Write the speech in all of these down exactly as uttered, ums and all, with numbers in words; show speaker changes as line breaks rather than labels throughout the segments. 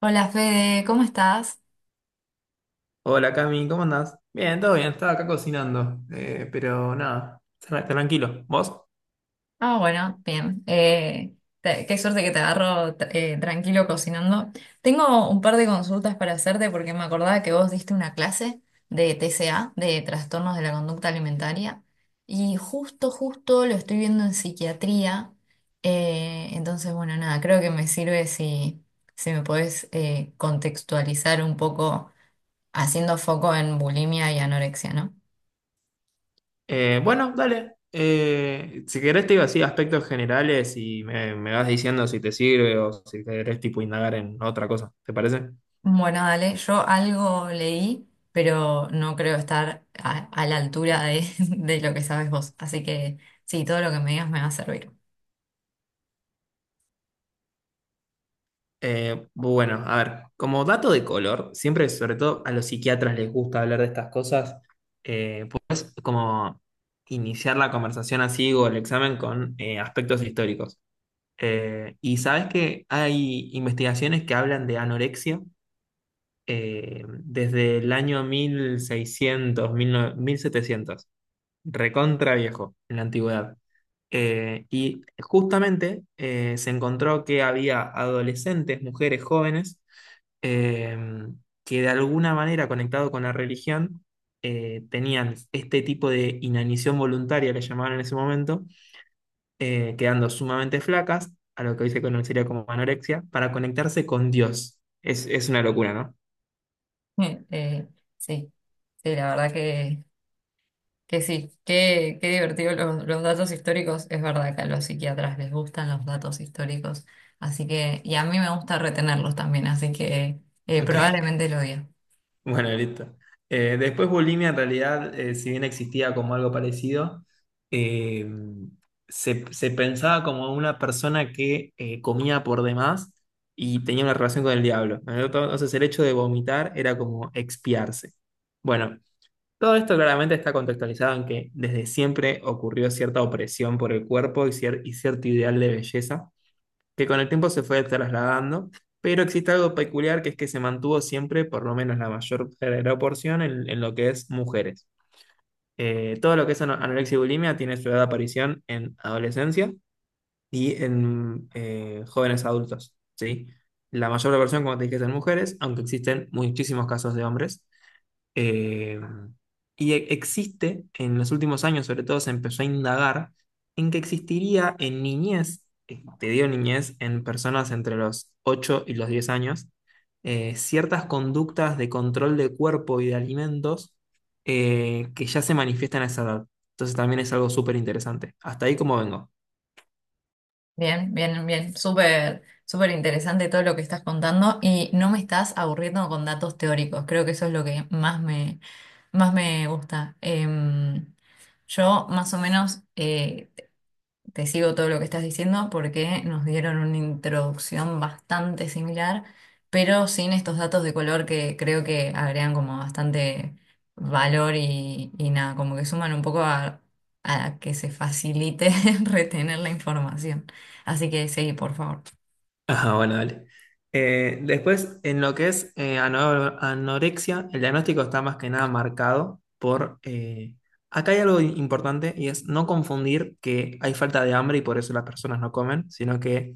Hola Fede, ¿cómo estás?
Hola Cami, ¿cómo andás? Bien, todo bien, estaba acá cocinando, eh, pero nada, tra- tranquilo. ¿Vos?
Ah, bueno, bien. Eh, te- qué suerte que te agarro tra- eh, tranquilo cocinando. Tengo un par de consultas para hacerte porque me acordaba que vos diste una clase de T C A, de trastornos de la conducta alimentaria, y justo, justo lo estoy viendo en psiquiatría. Eh, entonces, bueno, nada, creo que me sirve si, si me podés eh, contextualizar un poco haciendo foco en bulimia y anorexia, ¿no?
Eh, bueno, dale. Eh, si querés te digo así aspectos generales y me, me vas diciendo si te sirve o si querés tipo indagar en otra cosa, ¿te parece?
Bueno, dale, yo algo leí, pero no creo estar a, a la altura de, de lo que sabes vos. Así que sí, todo lo que me digas me va a servir.
Eh, bueno, a ver, como dato de color, siempre, sobre todo a los psiquiatras les gusta hablar de estas cosas, eh, puedes como iniciar la conversación así o el examen con eh, aspectos históricos. Eh, y sabes que hay investigaciones que hablan de anorexia eh, desde el año mil seiscientos, mil nove- mil setecientos, recontra viejo, en la antigüedad. Eh, y justamente eh, se encontró que había adolescentes, mujeres jóvenes, eh, que de alguna manera, conectado con la religión, eh, tenían este tipo de inanición voluntaria, le llamaban en ese momento, eh, quedando sumamente flacas, a lo que hoy se conocería como anorexia, para conectarse con Dios. Es, es una locura, ¿no?
Eh, sí, sí, la verdad que, que sí. Qué, qué divertido los, los datos históricos. Es verdad que a los psiquiatras les gustan los datos históricos. Así que, y a mí me gusta retenerlos también, así que eh,
Ok,
probablemente lo diga.
bueno, listo. Eh, después bulimia, en realidad, eh, si bien existía como algo parecido, eh, se, se pensaba como una persona que eh, comía por demás y tenía una relación con el diablo, ¿no? Entonces el hecho de vomitar era como expiarse. Bueno, todo esto claramente está contextualizado en que desde siempre ocurrió cierta opresión por el cuerpo y, cier- y cierto ideal de belleza, que con el tiempo se fue trasladando, pero existe algo peculiar, que es que se mantuvo siempre, por lo menos la mayor proporción, en, en lo que es mujeres. Eh, todo lo que es ano- anorexia y bulimia tiene su edad de aparición en adolescencia y en eh, jóvenes adultos, ¿sí? La mayor proporción, como te dije, es en mujeres, aunque existen muchísimos casos de hombres. Eh, y e- Existe, en los últimos años sobre todo se empezó a indagar en que existiría en niñez, eh, te digo niñez, en personas entre los ocho y los diez años, eh, ciertas conductas de control de cuerpo y de alimentos eh, que ya se manifiestan a esa edad. Entonces también es algo súper interesante. Hasta ahí como vengo.
Bien, bien, bien. Súper, súper interesante todo lo que estás contando y no me estás aburriendo con datos teóricos. Creo que eso es lo que más me, más me gusta. Em, yo más o menos, eh, te sigo todo lo que estás diciendo porque nos dieron una introducción bastante similar, pero sin estos datos de color que creo que agregan como bastante valor y, y nada, como que suman un poco a, a que se facilite retener la información. Así que seguí, por favor.
Ajá, bueno, dale. Eh, después, en lo que es eh, ano- anorexia, el diagnóstico está más que nada marcado por... eh, acá hay algo importante, y es no confundir que hay falta de hambre y por eso las personas no comen, sino que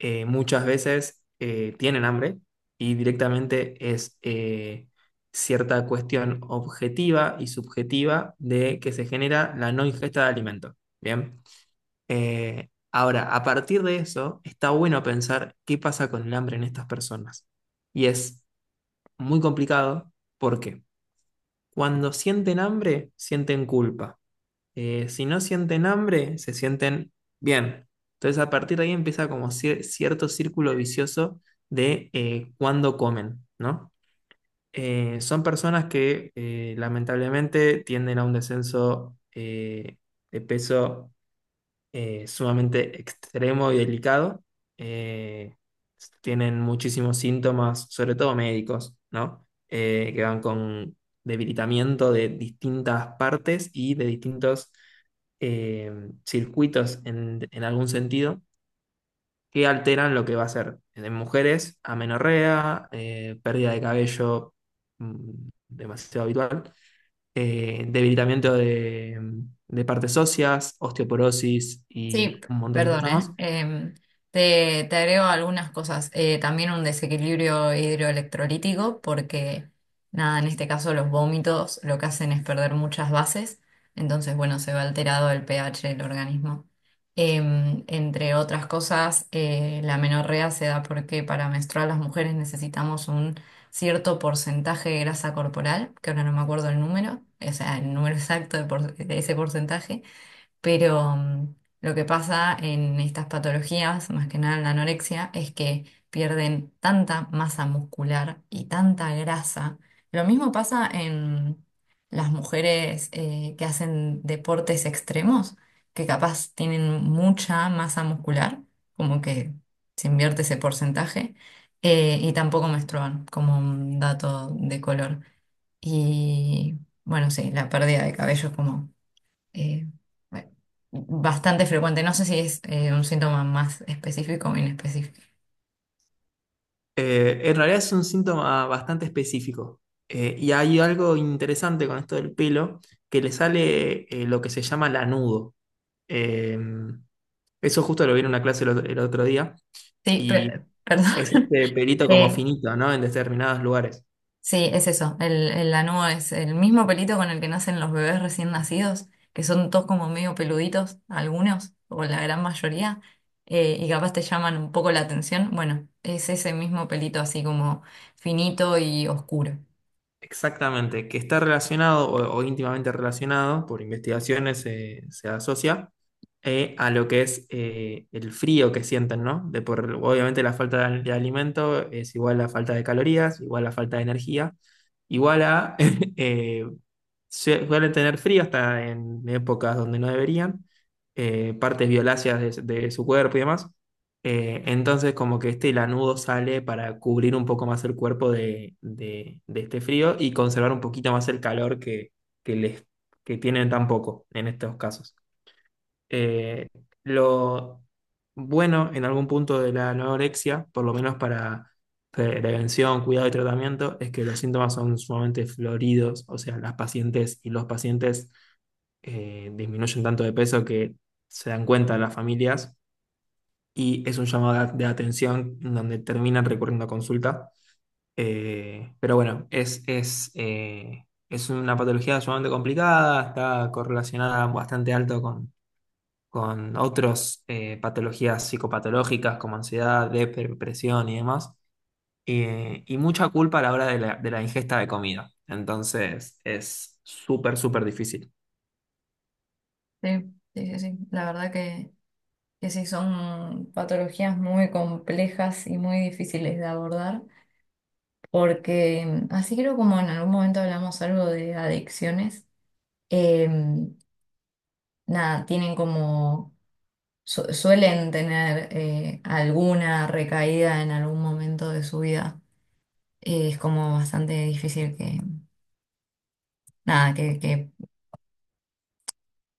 eh, muchas veces eh, tienen hambre y directamente es eh, cierta cuestión objetiva y subjetiva de que se genera la no ingesta de alimento. Bien. Eh, ahora, a partir de eso, está bueno pensar qué pasa con el hambre en estas personas. Y es muy complicado porque cuando sienten hambre, sienten culpa. Eh, si no sienten hambre, se sienten bien. Entonces, a partir de ahí empieza como cier- cierto círculo vicioso de eh, cuándo comen, ¿no? Eh, son personas que eh, lamentablemente tienden a un descenso eh, de peso eh, sumamente extremo y delicado. eh, Tienen muchísimos síntomas, sobre todo médicos, ¿no? Eh, que van con debilitamiento de distintas partes y de distintos eh, circuitos, en, en algún sentido, que alteran lo que va a ser en mujeres: amenorrea, eh, pérdida de cabello mm, demasiado habitual, eh, debilitamiento de, de partes óseas, osteoporosis
Sí,
y
p-
un montón de
perdón.
cosas más.
¿Eh? Em, te, te, agrego algunas cosas. Eh, también un desequilibrio hidroelectrolítico, porque nada, en este caso los vómitos lo que hacen es perder muchas bases, entonces, bueno, se va alterado el pH del organismo. Em, entre otras cosas, eh, la menorrea se da porque para menstruar las mujeres necesitamos un cierto porcentaje de grasa corporal, que ahora no me acuerdo el número, o sea, el número exacto de por- de ese porcentaje, pero mm, lo que pasa en estas patologías, más que nada en la anorexia, es que pierden tanta masa muscular y tanta grasa. Lo mismo pasa en las mujeres eh, que hacen deportes extremos, que capaz tienen mucha masa muscular, como que se invierte ese porcentaje, eh, y tampoco menstruan, como un dato de color. Y bueno, sí, la pérdida de cabello es como eh, bueno, bastante frecuente. No sé si es eh, un síntoma más específico o inespecífico.
Eh, en realidad es un síntoma bastante específico. Eh, y hay algo interesante con esto del pelo, que le sale eh, lo que se llama lanudo. Eh, Eso justo lo vi en una clase el otro el otro día,
Sí,
y
pero,
es
perdón.
este pelito como
Eh,
finito, ¿no? En determinados lugares.
sí, es eso. El, el lanugo es el mismo pelito con el que nacen los bebés recién nacidos, que son todos como medio peluditos, algunos, o la gran mayoría, eh, y capaz te llaman un poco la atención. Bueno, es ese mismo pelito así como finito y oscuro.
Exactamente, que está relacionado o, o íntimamente relacionado; por investigaciones se se asocia eh, a lo que es eh, el frío que sienten, ¿no? De por, obviamente la falta de, al- de alimento es igual a la falta de calorías, igual a la falta de energía, igual a eh, sue- suelen tener frío hasta en épocas donde no deberían, eh, partes violáceas de, de su cuerpo y demás. Eh, entonces como que este lanudo sale para cubrir un poco más el cuerpo de, de- de este frío y conservar un poquito más el calor que, que, les, que tienen tan poco en estos casos. eh, lo bueno en algún punto de la anorexia, por lo menos para prevención, cuidado y tratamiento, es que los síntomas son sumamente floridos, o sea, las pacientes y los pacientes eh, disminuyen tanto de peso que se dan cuenta las familias y es un llamado de a- de atención, en donde terminan recurriendo a consulta. Eh, pero bueno, es, es, eh, es una patología sumamente complicada, está correlacionada bastante alto con otras patologías psicopatológicas como ansiedad, dep- depresión y demás, eh, y mucha culpa a la hora de la, de la ingesta de comida. Entonces es súper, súper difícil.
Sí, sí, sí, sí. La verdad que que sí, son patologías muy complejas y muy difíciles de abordar, porque mm, así creo como en algún momento hablamos algo de adicciones, eh, nada, tienen como, su- suelen tener eh, alguna recaída en algún momento de su vida. Eh, es como bastante difícil que, nada, que, que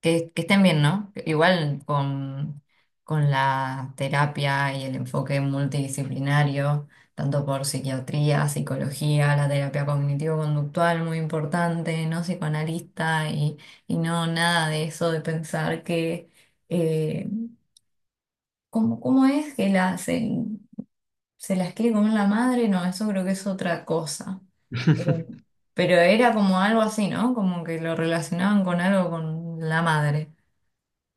Que, que estén bien, ¿no? Igual con, con la terapia y el enfoque multidisciplinario, tanto por psiquiatría, psicología, la terapia cognitivo-conductual, muy importante, no psicoanalista y, y no nada de eso de pensar que, eh, ¿cómo, cómo es que la, se, se las quiere comer la madre? No, eso creo que es otra cosa. Eh, Pero era como algo así, ¿no? Como que lo relacionaban con algo con la madre.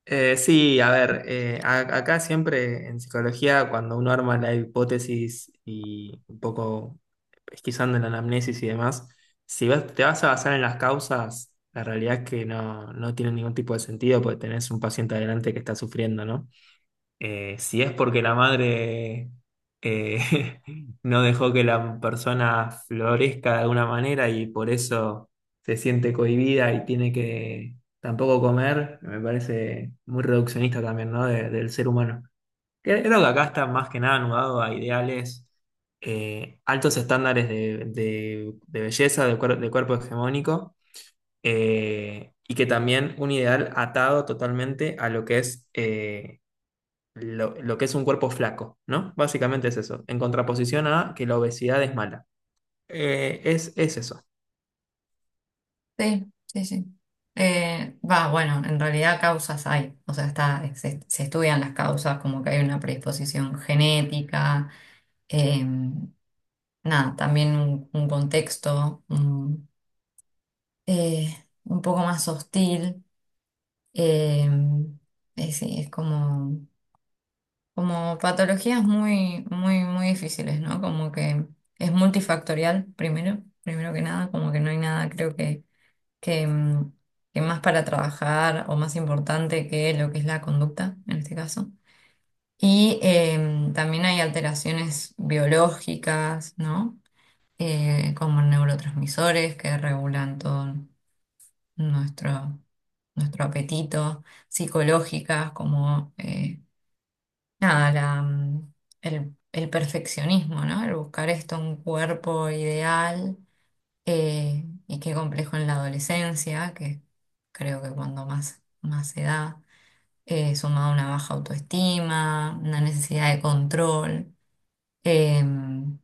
Eh, sí, a ver, eh, a- acá siempre en psicología, cuando uno arma la hipótesis y un poco pesquisando en la anamnesis y demás, si vas- te vas a basar en las causas, la realidad es que no, no tiene ningún tipo de sentido, porque tenés un paciente adelante que está sufriendo, ¿no? Eh, si es porque la madre eh, no dejó que la persona florezca de alguna manera y por eso se siente cohibida y tiene que tampoco comer, me parece muy reduccionista también, ¿no?, de- del ser humano. Cre- Creo que acá está más que nada anudado a ideales, eh, altos estándares de, de- de belleza, de, cuer- de cuerpo hegemónico. Eh, y que también un ideal atado totalmente a lo que es eh, lo, lo que es un cuerpo flaco, ¿no? Básicamente es eso, en contraposición a que la obesidad es mala. Eh, es, es eso.
Sí, sí, sí. Eh, va, bueno, en realidad causas hay, o sea, está, se, se estudian las causas, como que hay una predisposición genética, eh, nada, también un, un contexto un, eh, un poco más hostil, eh, eh, sí, es como, como patologías muy, muy, muy difíciles, ¿no? Como que es multifactorial, primero, primero que nada, como que no hay nada, creo que que, mm, que más para trabajar o más importante que lo que es la conducta en este caso. Y em, también hay alteraciones biológicas, ¿no? Eh, como neurotransmisores que regulan todo nuestro, nuestro apetito, psicológicas como eh, nada, la, mm, el, el perfeccionismo, ¿no? El buscar esto, un cuerpo ideal eh, y qué complejo en la adolescencia, que creo que cuando más, más se da, eh, sumado a una baja autoestima, una necesidad de control. Em,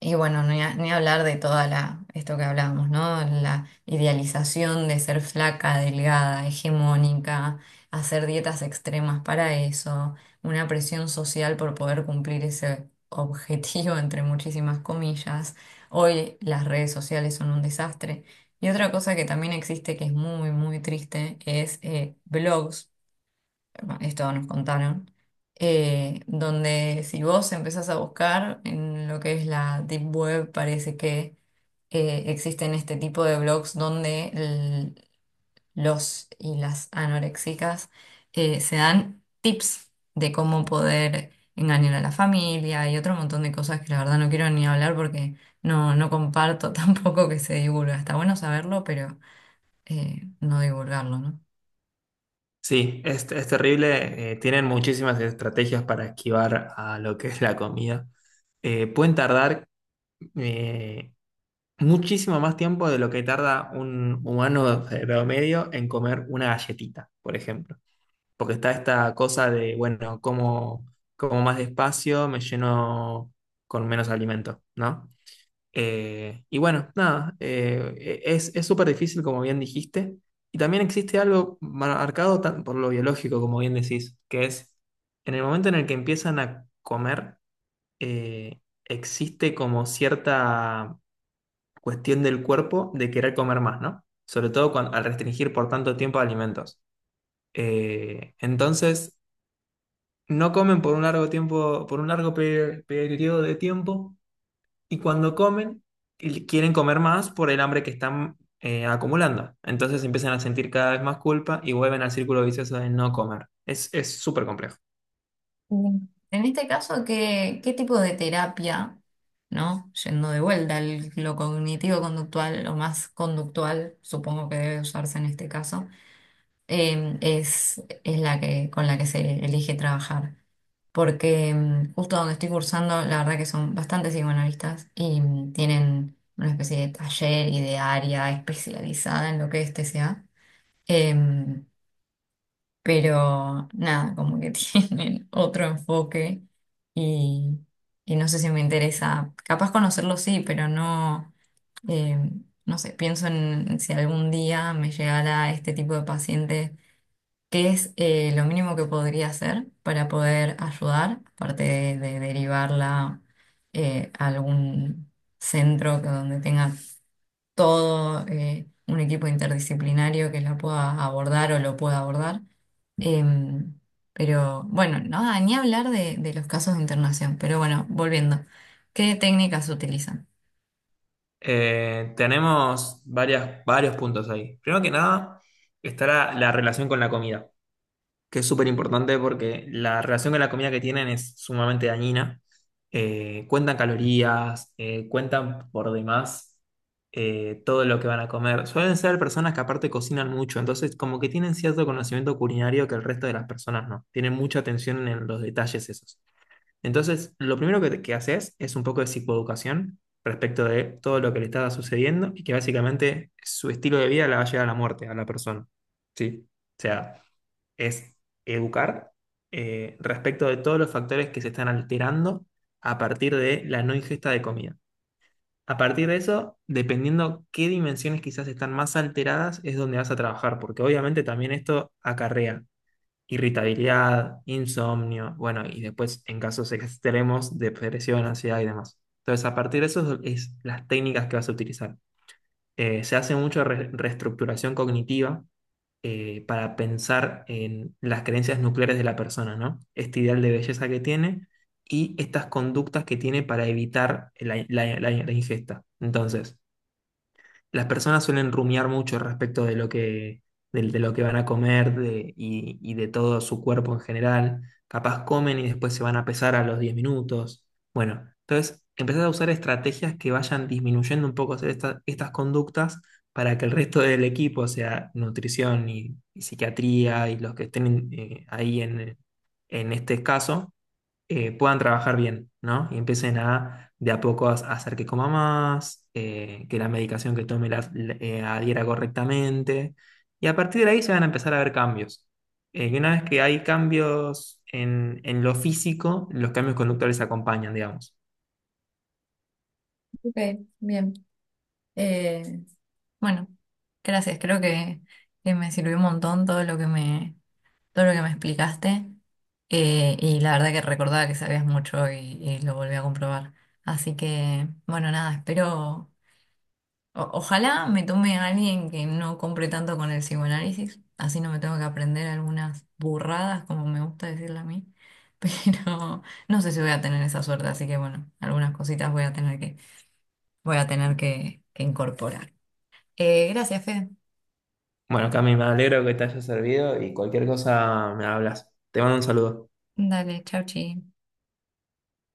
y bueno, ni, a- ni hablar de toda la, esto que hablábamos, ¿no? La idealización de ser flaca, delgada, hegemónica, hacer dietas extremas para eso, una presión social por poder cumplir ese objetivo, entre muchísimas comillas. Hoy las redes sociales son un desastre. Y otra cosa que también existe que es muy, muy triste es eh, blogs, esto nos contaron, eh, donde si vos empezás a buscar en lo que es la Deep Web, parece que eh, existen este tipo de blogs donde el- los y las anorexicas eh, se dan tips de cómo poder engañar a la familia y otro montón de cosas que la verdad no quiero ni hablar porque no, no comparto tampoco que se divulga. Está bueno saberlo, pero eh, no divulgarlo, ¿no?
Sí, es, es terrible. Eh, tienen muchísimas estrategias para esquivar a lo que es la comida. Eh, pueden tardar eh, muchísimo más tiempo de lo que tarda un humano de promedio en comer una galletita, por ejemplo. Porque está esta cosa de, bueno, como, como más despacio, me lleno con menos alimento, ¿no? Eh, y bueno, nada, eh, e, es, es súper difícil, como bien dijiste. Y también existe algo marcado tan- por lo biológico, como bien decís, que es en el momento en el que empiezan a comer, eh, existe como cierta cuestión del cuerpo de querer comer más, ¿no? Sobre todo cuan- al restringir por tanto tiempo alimentos. Eh, entonces, no comen por un largo tiempo, por un largo pe- periodo de tiempo, y cuando comen, y quieren comer más por el hambre que están eh, acumulando. Entonces empiezan a sentir cada vez más culpa y vuelven al círculo vicioso de no comer. Es, es súper complejo.
Mm. En este caso, ¿qué, qué tipo de terapia, ¿no? Yendo de vuelta al- lo cognitivo-conductual, lo más conductual, supongo que debe usarse en este caso, eh, es, es la que, con la que se elige trabajar. Porque mm, justo donde estoy cursando, la verdad que son bastantes psicoanalistas y mm, tienen una especie de taller y de área especializada en lo que es T C A, pero nada, como que tienen otro enfoque y, y no sé si me interesa, capaz conocerlo sí, pero no, eh, no sé, pienso en si algún día me llegara este tipo de paciente, qué es eh, lo mínimo que podría hacer para poder ayudar, aparte de, de derivarla eh, a algún centro que donde tenga todo eh, un equipo interdisciplinario que la pueda abordar o lo pueda abordar. Em, pero bueno, no, ah, ni hablar de, de los casos de internación. Pero bueno, volviendo, ¿qué técnicas utilizan?
Eh, tenemos varias, varios puntos ahí. Primero que nada, está la la relación con la comida, que es súper importante porque la relación con la comida que tienen es sumamente dañina. Eh, cuentan calorías, eh, cuentan por demás eh, todo lo que van a comer. Suelen ser personas que aparte cocinan mucho, entonces como que tienen cierto conocimiento culinario que el resto de las personas no. Tienen mucha atención en los detalles esos. Entonces, lo primero que, que haces es un poco de psicoeducación respecto de todo lo que le está sucediendo y que básicamente su estilo de vida la va a llevar a la muerte, a la persona. ¿Sí? O sea, es educar eh, respecto de todos los factores que se están alterando a partir de la no ingesta de comida. A partir de eso, dependiendo qué dimensiones quizás están más alteradas, es donde vas a trabajar, porque obviamente también esto acarrea irritabilidad, insomnio, bueno, y después en casos extremos, depresión, ansiedad y demás. Entonces, a partir de eso es, las técnicas que vas a utilizar. Eh, se hace mucho re- reestructuración cognitiva, eh, para pensar en las creencias nucleares de la persona, ¿no? Este ideal de belleza que tiene y estas conductas que tiene para evitar la, la- la- la ingesta. Entonces, las personas suelen rumiar mucho respecto de lo que, del- de, lo que van a comer de- y, y de todo su cuerpo en general. Capaz comen y después se van a pesar a los diez minutos. Bueno, entonces empezar a usar estrategias que vayan disminuyendo un poco esta- estas conductas, para que el resto del equipo, o sea, nutrición y, y psiquiatría y los que estén eh, ahí, en, en este caso, eh, puedan trabajar bien, ¿no? Y empiecen a, de a poco, a a hacer que coma más, eh, que la medicación que tome la, la- eh, adhiera correctamente. Y a partir de ahí se van a empezar a ver cambios. Eh, y una vez que hay cambios en, en lo físico, los cambios conductuales acompañan, digamos.
Ok, bien. Eh, bueno, gracias. Creo que, que me sirvió un montón todo lo que me, todo lo que me explicaste. Eh, y la verdad que recordaba que sabías mucho y, y lo volví a comprobar. Así que, bueno, nada, espero. O- ojalá me tome a alguien que no compre tanto con el psicoanálisis, así no me tengo que aprender algunas burradas, como me gusta decirle a mí, pero no sé si voy a tener esa suerte, así que bueno, algunas cositas voy a tener que, voy a tener que, que incorporar. Eh, gracias, Fede.
Bueno, Cami, me alegro que te haya servido, y cualquier cosa me hablas. Te mando un saludo.
Dale, chau, chi.